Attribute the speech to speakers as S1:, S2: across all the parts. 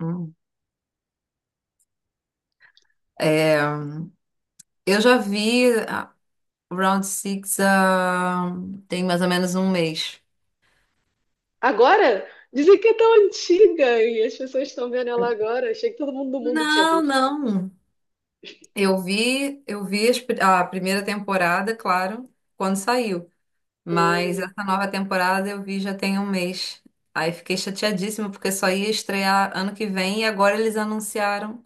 S1: Hum. É, eu já vi a Round Six há tem mais ou menos um mês.
S2: Agora? Dizem que é tão antiga e as pessoas estão vendo ela agora. Achei que todo mundo do mundo tinha
S1: Não,
S2: visto.
S1: não. Eu vi a primeira temporada, claro, quando saiu. Mas
S2: Hum.
S1: essa nova temporada eu vi já tem um mês. Aí fiquei chateadíssima porque só ia estrear ano que vem e agora eles anunciaram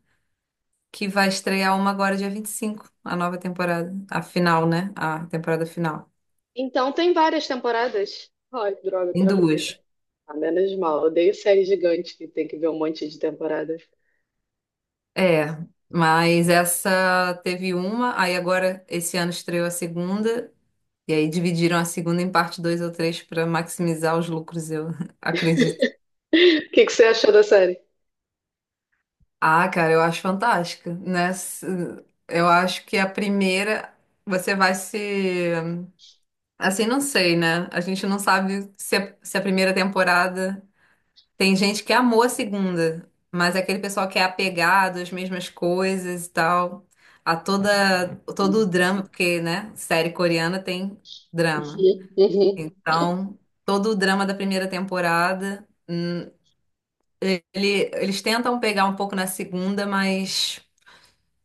S1: que vai estrear uma agora dia 25, a nova temporada, a final, né? A temporada final.
S2: Então tem várias temporadas? Ai, droga, tô
S1: Em
S2: na primeira.
S1: duas.
S2: Ah, menos mal. Odeio série gigante que tem que ver um monte de temporadas.
S1: É, mas essa teve uma, aí agora esse ano estreou a segunda, e aí dividiram a segunda em parte 2 ou 3 para maximizar os lucros, eu acredito.
S2: O que que você achou da série?
S1: Ah, cara, eu acho fantástica, né? Eu acho que a primeira você vai se. Assim, não sei, né? A gente não sabe se a primeira temporada. Tem gente que amou a segunda, mas é aquele pessoal que é apegado às mesmas coisas e tal, a toda todo o
S2: Uhum.
S1: drama, porque, né, série coreana tem drama. Então, todo o drama da primeira temporada, eles tentam pegar um pouco na segunda, mas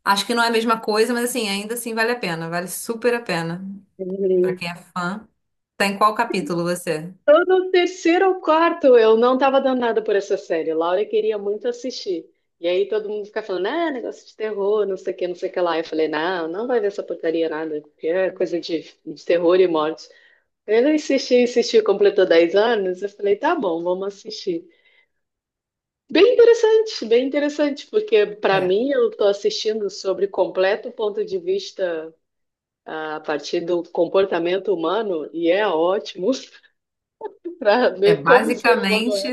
S1: acho que não é a mesma coisa, mas assim, ainda assim vale a pena, vale super a pena. Pra quem
S2: Uhum.
S1: é fã, tá em qual capítulo você?
S2: Tô no terceiro ou quarto, eu não tava danada por essa série. Laura queria muito assistir. E aí todo mundo fica falando, ah, negócio de terror, não sei o que, não sei o que lá. Eu falei, não, não vai ver essa porcaria nada, porque é coisa de terror e morte. Ele insistiu, insistiu, completou 10 anos. Eu falei, tá bom, vamos assistir. Bem interessante, porque pra
S1: É,
S2: mim eu tô assistindo sobre completo ponto de vista, ah, a partir do comportamento humano e é ótimo para
S1: é
S2: ver como o ser humano.
S1: basicamente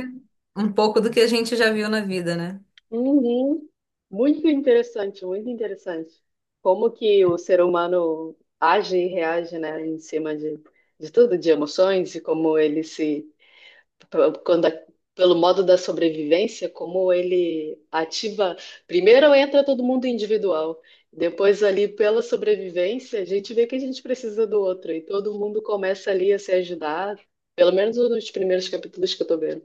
S1: um pouco do que a gente já viu na vida, né?
S2: Uhum. Muito interessante, muito interessante. Como que o ser humano age e reage, né, em cima de tudo, de emoções e como ele se, quando, pelo modo da sobrevivência, como ele ativa. Primeiro entra todo mundo individual, depois ali pela sobrevivência, a gente vê que a gente precisa do outro e todo mundo começa ali a se ajudar, pelo menos nos primeiros capítulos que eu tô vendo.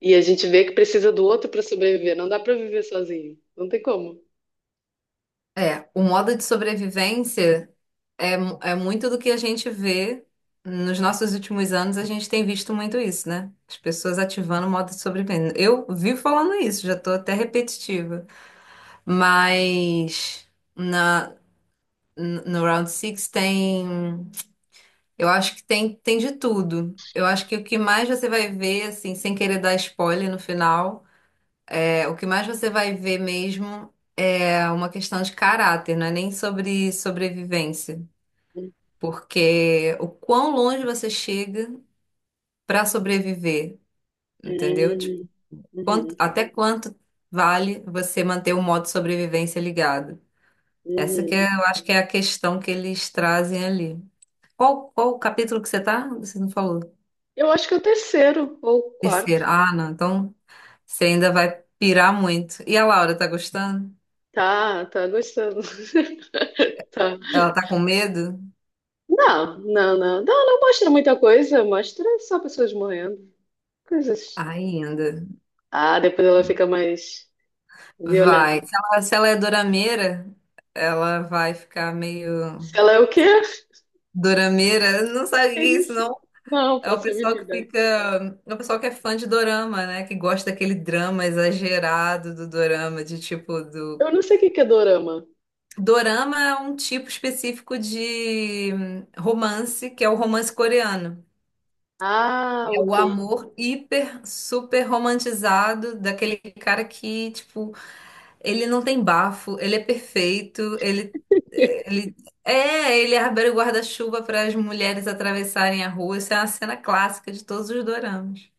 S2: E a gente vê que precisa do outro para sobreviver. Não dá para viver sozinho. Não tem como.
S1: É, o modo de sobrevivência é muito do que a gente vê nos nossos últimos anos, a gente tem visto muito isso, né? As pessoas ativando o modo de sobrevivência. Eu vivo falando isso, já tô até repetitiva. Mas na, no Round six tem, eu acho que tem de tudo. Eu acho que o que mais você vai ver, assim, sem querer dar spoiler no final, é, o que mais você vai ver mesmo é uma questão de caráter, não é nem sobre sobrevivência. Porque o quão longe você chega para sobreviver, entendeu? Tipo,
S2: Hum, uhum,
S1: até quanto vale você manter o modo sobrevivência ligado? Essa que
S2: uhum.
S1: é, eu acho que é a questão que eles trazem ali. Qual o capítulo que você tá? Você não falou.
S2: Eu acho que é o terceiro ou o quarto.
S1: Terceiro. Ah, não. Então você ainda vai pirar muito. E a Laura tá gostando?
S2: Tá, tá gostando. Tá.
S1: Ela tá com medo?
S2: Não, não, não. Não, não mostra muita coisa. Mostra só pessoas morrendo. Coisas.
S1: Ainda.
S2: Ah, depois ela fica mais violenta.
S1: Vai. Se ela, se ela é dorameira, ela vai ficar meio.
S2: Se ela é o quê?
S1: Dorameira, não sabe o
S2: É
S1: que é isso,
S2: isso.
S1: não?
S2: Não,
S1: É o
S2: faço a
S1: pessoal
S2: mínima
S1: que
S2: ideia.
S1: fica. É o pessoal que é fã de dorama, né? Que gosta daquele drama exagerado do dorama, de tipo do.
S2: Eu não sei o que que é dorama.
S1: Dorama é um tipo específico de romance, que é o romance coreano.
S2: Ah,
S1: É o
S2: ok.
S1: amor hiper, super romantizado daquele cara que, tipo, ele não tem bafo, ele é perfeito, ele ele abre o guarda-chuva para as mulheres atravessarem a rua. Isso é uma cena clássica de todos os doramas.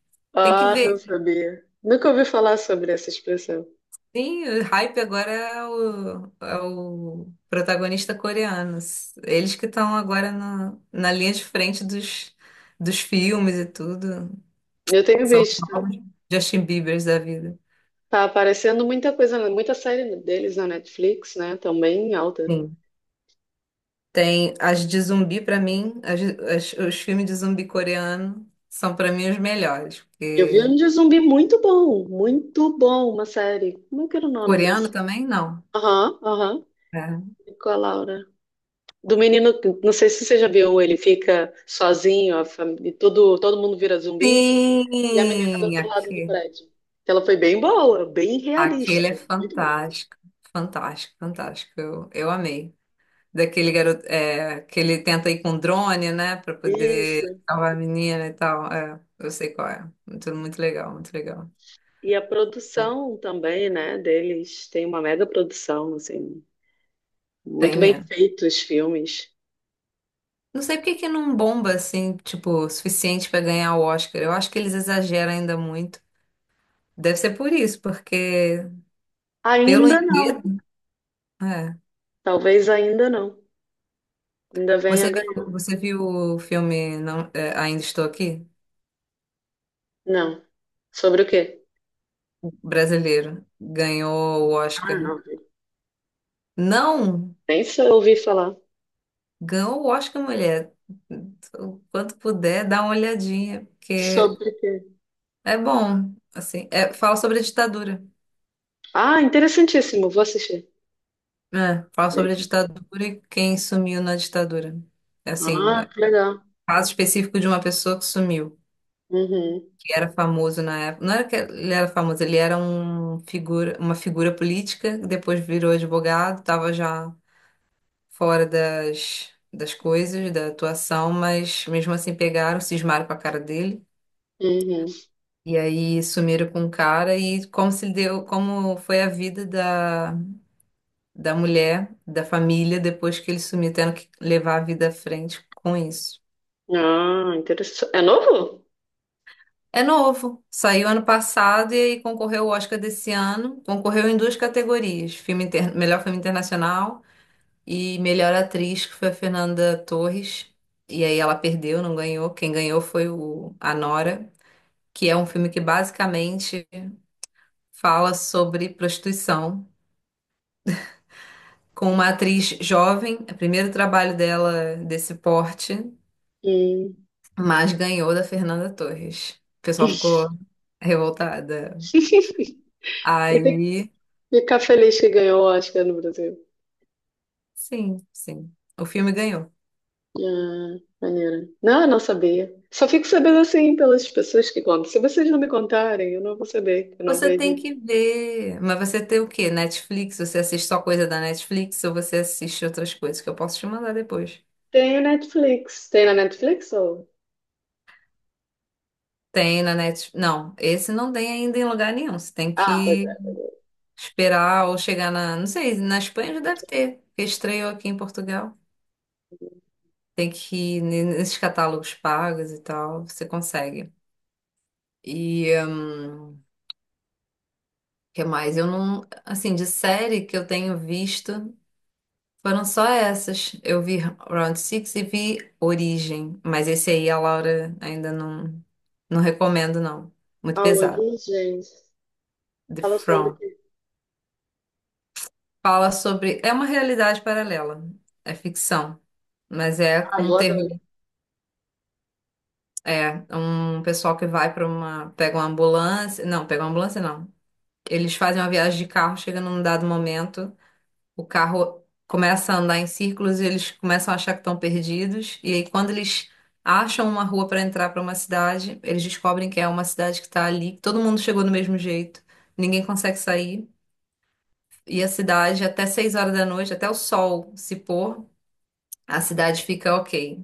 S1: Tem que
S2: Ah, não
S1: ver.
S2: sabia. Nunca ouvi falar sobre essa expressão.
S1: Sim, o hype agora é o, é o protagonista coreano. Eles que estão agora na, na linha de frente dos, dos filmes e tudo.
S2: Eu tenho
S1: São os
S2: visto.
S1: novos Justin Biebers da vida.
S2: Tá aparecendo muita coisa, muita série deles na Netflix, né? Também em alta.
S1: Sim. Tem as de zumbi pra mim, os filmes de zumbi coreano são pra mim os melhores,
S2: Eu vi
S1: porque
S2: um de zumbi muito bom, uma série. Como é que era o nome
S1: coreano
S2: dessa?
S1: também não,
S2: Aham, aham.
S1: né?
S2: Com a Laura. Do menino, não sei se você já viu, ele fica sozinho, a família, todo mundo vira zumbi, e a menina tá do
S1: Sim,
S2: outro lado do
S1: aqui,
S2: prédio. Ela foi bem boa, bem
S1: aquele
S2: realista,
S1: é
S2: muito boa.
S1: fantástico, fantástico, fantástico. Eu amei. Daquele garoto é, que ele tenta ir com drone, né, pra poder
S2: Isso.
S1: salvar a menina e tal. É, eu sei qual é. Muito, muito legal, muito legal.
S2: E a produção também, né, deles tem uma mega produção, assim,
S1: Tem
S2: muito bem
S1: mesmo.
S2: feitos os filmes.
S1: Não sei por que que não bomba assim, tipo, o suficiente pra ganhar o Oscar. Eu acho que eles exageram ainda muito. Deve ser por isso, porque pelo
S2: Ainda não,
S1: enredo, é.
S2: talvez ainda não. Ainda venha a
S1: Você
S2: ganhar.
S1: viu, você viu o filme não, é, Ainda Estou Aqui?
S2: Não. Sobre o quê?
S1: O brasileiro ganhou o
S2: Ah,
S1: Oscar.
S2: não vi.
S1: Não,
S2: Nem se eu ouvi falar.
S1: ganhou o Oscar, mulher. O quanto puder, dá uma olhadinha, porque
S2: Sobre o quê?
S1: é bom, assim, é, fala sobre a ditadura.
S2: Ah, interessantíssimo, vou assistir.
S1: É, fala sobre a
S2: Bem-
S1: ditadura e quem sumiu na ditadura. Assim,
S2: Ah, que legal.
S1: caso específico de uma pessoa que sumiu,
S2: Uhum,
S1: que era famoso na época. Não era que ele era famoso, ele era um figura, uma figura política, que depois virou advogado, estava já fora das, das coisas, da atuação, mas mesmo assim pegaram, cismaram com a cara dele.
S2: uhum.
S1: E aí sumiram com o cara e como se deu, como foi a vida da, da mulher, da família, depois que ele sumiu, tendo que levar a vida à frente com isso.
S2: Ah, interessante. É novo?
S1: É novo, saiu ano passado e aí concorreu ao Oscar desse ano. Concorreu em duas categorias: filme melhor filme internacional e melhor atriz, que foi a Fernanda Torres. E aí ela perdeu, não ganhou. Quem ganhou foi o A Nora, que é um filme que basicamente fala sobre prostituição, com uma atriz jovem, é o primeiro trabalho dela desse porte,
S2: Hum.
S1: mas ganhou da Fernanda Torres. O pessoal ficou revoltada.
S2: Eu tenho que
S1: Aí.
S2: ficar feliz que ganhou o Oscar no Brasil.
S1: Sim, sim. O filme ganhou.
S2: Ah, maneiro. Não, eu não sabia. Só fico sabendo assim pelas pessoas que contam. Se vocês não me contarem, eu não vou saber. Eu não
S1: Você tem
S2: vejo.
S1: que ver. Mas você tem o quê? Netflix? Você assiste só coisa da Netflix ou você assiste outras coisas que eu posso te mandar depois?
S2: Tem o Netflix. Tem na Netflix ou?
S1: Tem na Netflix. Não, esse não tem ainda em lugar nenhum. Você tem
S2: Ah, pois
S1: que
S2: é.
S1: esperar ou chegar na. Não sei, na Espanha já deve ter, porque estreou aqui em Portugal. Tem que ir nesses catálogos pagos e tal. Você consegue. E, o que mais? Eu não. Assim, de série que eu tenho visto. Foram só essas. Eu vi Round Six e vi Origem, mas esse aí a Laura ainda não, não recomendo, não. Muito
S2: A
S1: pesado.
S2: origem
S1: The
S2: fala sobre o
S1: From.
S2: quê?
S1: Fala sobre. É uma realidade paralela. É ficção. Mas é
S2: Ah, eu
S1: com
S2: adoro.
S1: terror. É um pessoal que vai para uma. Pega uma ambulância. Não, pega uma ambulância, não. Eles fazem uma viagem de carro, chega num dado momento. O carro começa a andar em círculos e eles começam a achar que estão perdidos. E aí, quando eles acham uma rua para entrar para uma cidade, eles descobrem que é uma cidade que está ali, que todo mundo chegou do mesmo jeito, ninguém consegue sair. E a cidade, até 6 horas da noite, até o sol se pôr, a cidade fica ok.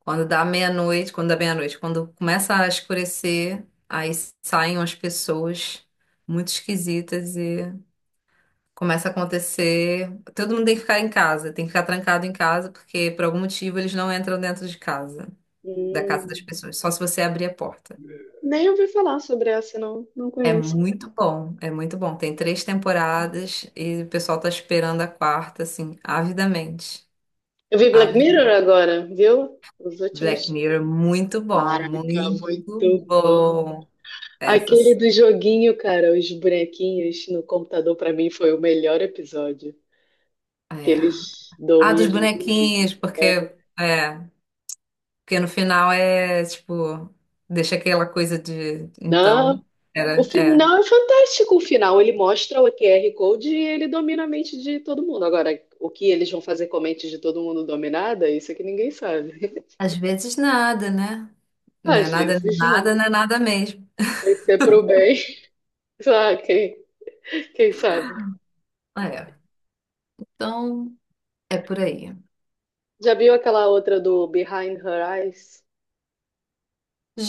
S1: Quando dá meia-noite, quando dá meia-noite, quando começa a escurecer, aí saem umas pessoas muito esquisitas e começa a acontecer. Todo mundo tem que ficar em casa, tem que ficar trancado em casa, porque por algum motivo eles não entram dentro de casa, da casa das
S2: Hum,
S1: pessoas, só se você abrir a porta.
S2: nem ouvi falar sobre essa, não. Não
S1: É
S2: conheço.
S1: muito bom, é muito bom. Tem três temporadas e o pessoal tá esperando a quarta, assim, avidamente.
S2: Eu vi Black Mirror
S1: Avidamente.
S2: agora, viu? Os
S1: Black
S2: últimos.
S1: Mirror, muito bom,
S2: Caraca,
S1: muito
S2: muito bom.
S1: bom.
S2: Aquele
S1: Essas.
S2: do joguinho, cara, os bonequinhos no computador, pra mim foi o melhor episódio. Que
S1: É.
S2: eles
S1: Ah, dos
S2: dominam.
S1: bonequinhos,
S2: Né?
S1: porque. É. Porque no final é tipo, deixa aquela coisa de
S2: Não,
S1: então,
S2: o
S1: era, é.
S2: final é fantástico. O final ele mostra o Q R Code e ele domina a mente de todo mundo. Agora, o que eles vão fazer com a mente de todo mundo dominada, isso é que ninguém sabe.
S1: Às vezes nada, né? Não é
S2: Às
S1: nada,
S2: vezes não.
S1: nada, não é nada mesmo.
S2: Vai ser pro bem. Ah, quem, quem sabe?
S1: É. Então, é por aí.
S2: Já viu aquela outra do Behind Her Eyes?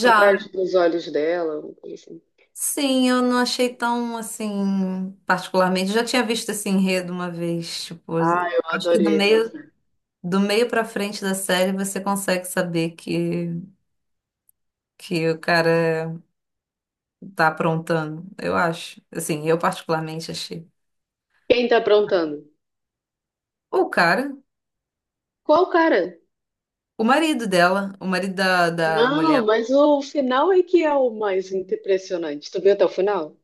S2: Por trás dos olhos dela? Assim.
S1: sim, eu não achei tão assim, particularmente. Eu já tinha visto esse enredo uma vez, tipo,
S2: Ah, eu
S1: acho que do
S2: adorei.
S1: meio do meio para frente da série você consegue saber que o cara tá aprontando, eu acho. Assim, eu particularmente achei.
S2: Quem tá aprontando?
S1: O cara.
S2: Qual cara?
S1: O marido dela, o marido da, da mulher,
S2: Não, mas o final é que é o mais impressionante. Tu viu até o final?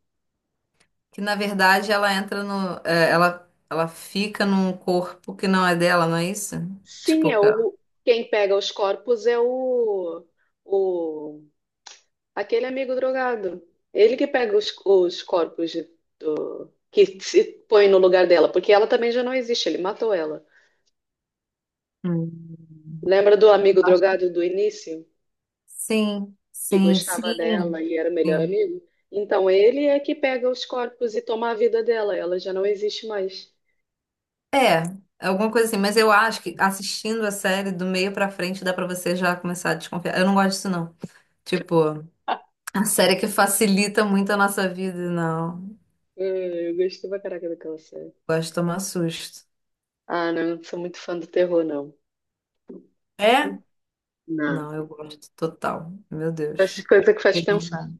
S1: que na verdade ela entra no. É, ela fica num corpo que não é dela, não é isso?
S2: Sim,
S1: Tipo,
S2: é
S1: que ela-.
S2: o, quem pega os corpos é o aquele amigo drogado. Ele que pega os corpos de- que se põe no lugar dela, porque ela também já não existe, ele matou ela.
S1: Hum.
S2: Lembra do amigo drogado do início,
S1: Sim,
S2: que
S1: sim,
S2: gostava dela
S1: sim,
S2: e era o melhor
S1: sim.
S2: amigo? Então ele é que pega os corpos e toma a vida dela, ela já não existe mais.
S1: É, alguma coisa assim, mas eu acho que assistindo a série do meio pra frente dá pra você já começar a desconfiar. Eu não gosto disso, não. Tipo,
S2: Ah,
S1: a série que facilita muito a nossa vida, não.
S2: eu gosto pra caraca daquela série.
S1: Gosto de tomar susto.
S2: Ah, não, não sou muito fã do terror, não.
S1: É?
S2: Não.
S1: Não, eu gosto total. Meu
S2: Gosto de
S1: Deus.
S2: coisa que faz pensar.
S1: Feliz.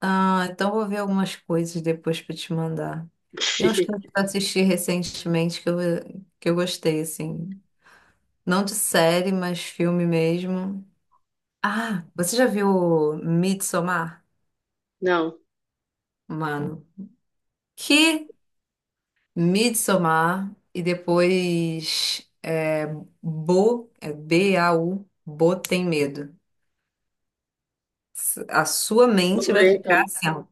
S1: Ah, então vou ver algumas coisas depois para te mandar. Tem uns que eu assisti recentemente que eu gostei, assim. Não de série, mas filme mesmo. Ah, você já viu Midsommar?
S2: Não,
S1: Mano, que Midsommar e depois é, Bo, é BAU, Bo tem medo. A sua
S2: vamos
S1: mente vai
S2: ver
S1: ficar
S2: então.
S1: assim, ó.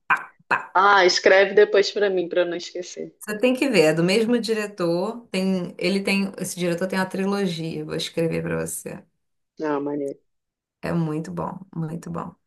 S2: Ah, escreve depois pra mim, pra eu não esquecer.
S1: Você tem que ver, é do mesmo diretor. Ele tem, esse diretor tem uma trilogia. Vou escrever pra você.
S2: Não, maneiro.
S1: É muito bom, muito bom.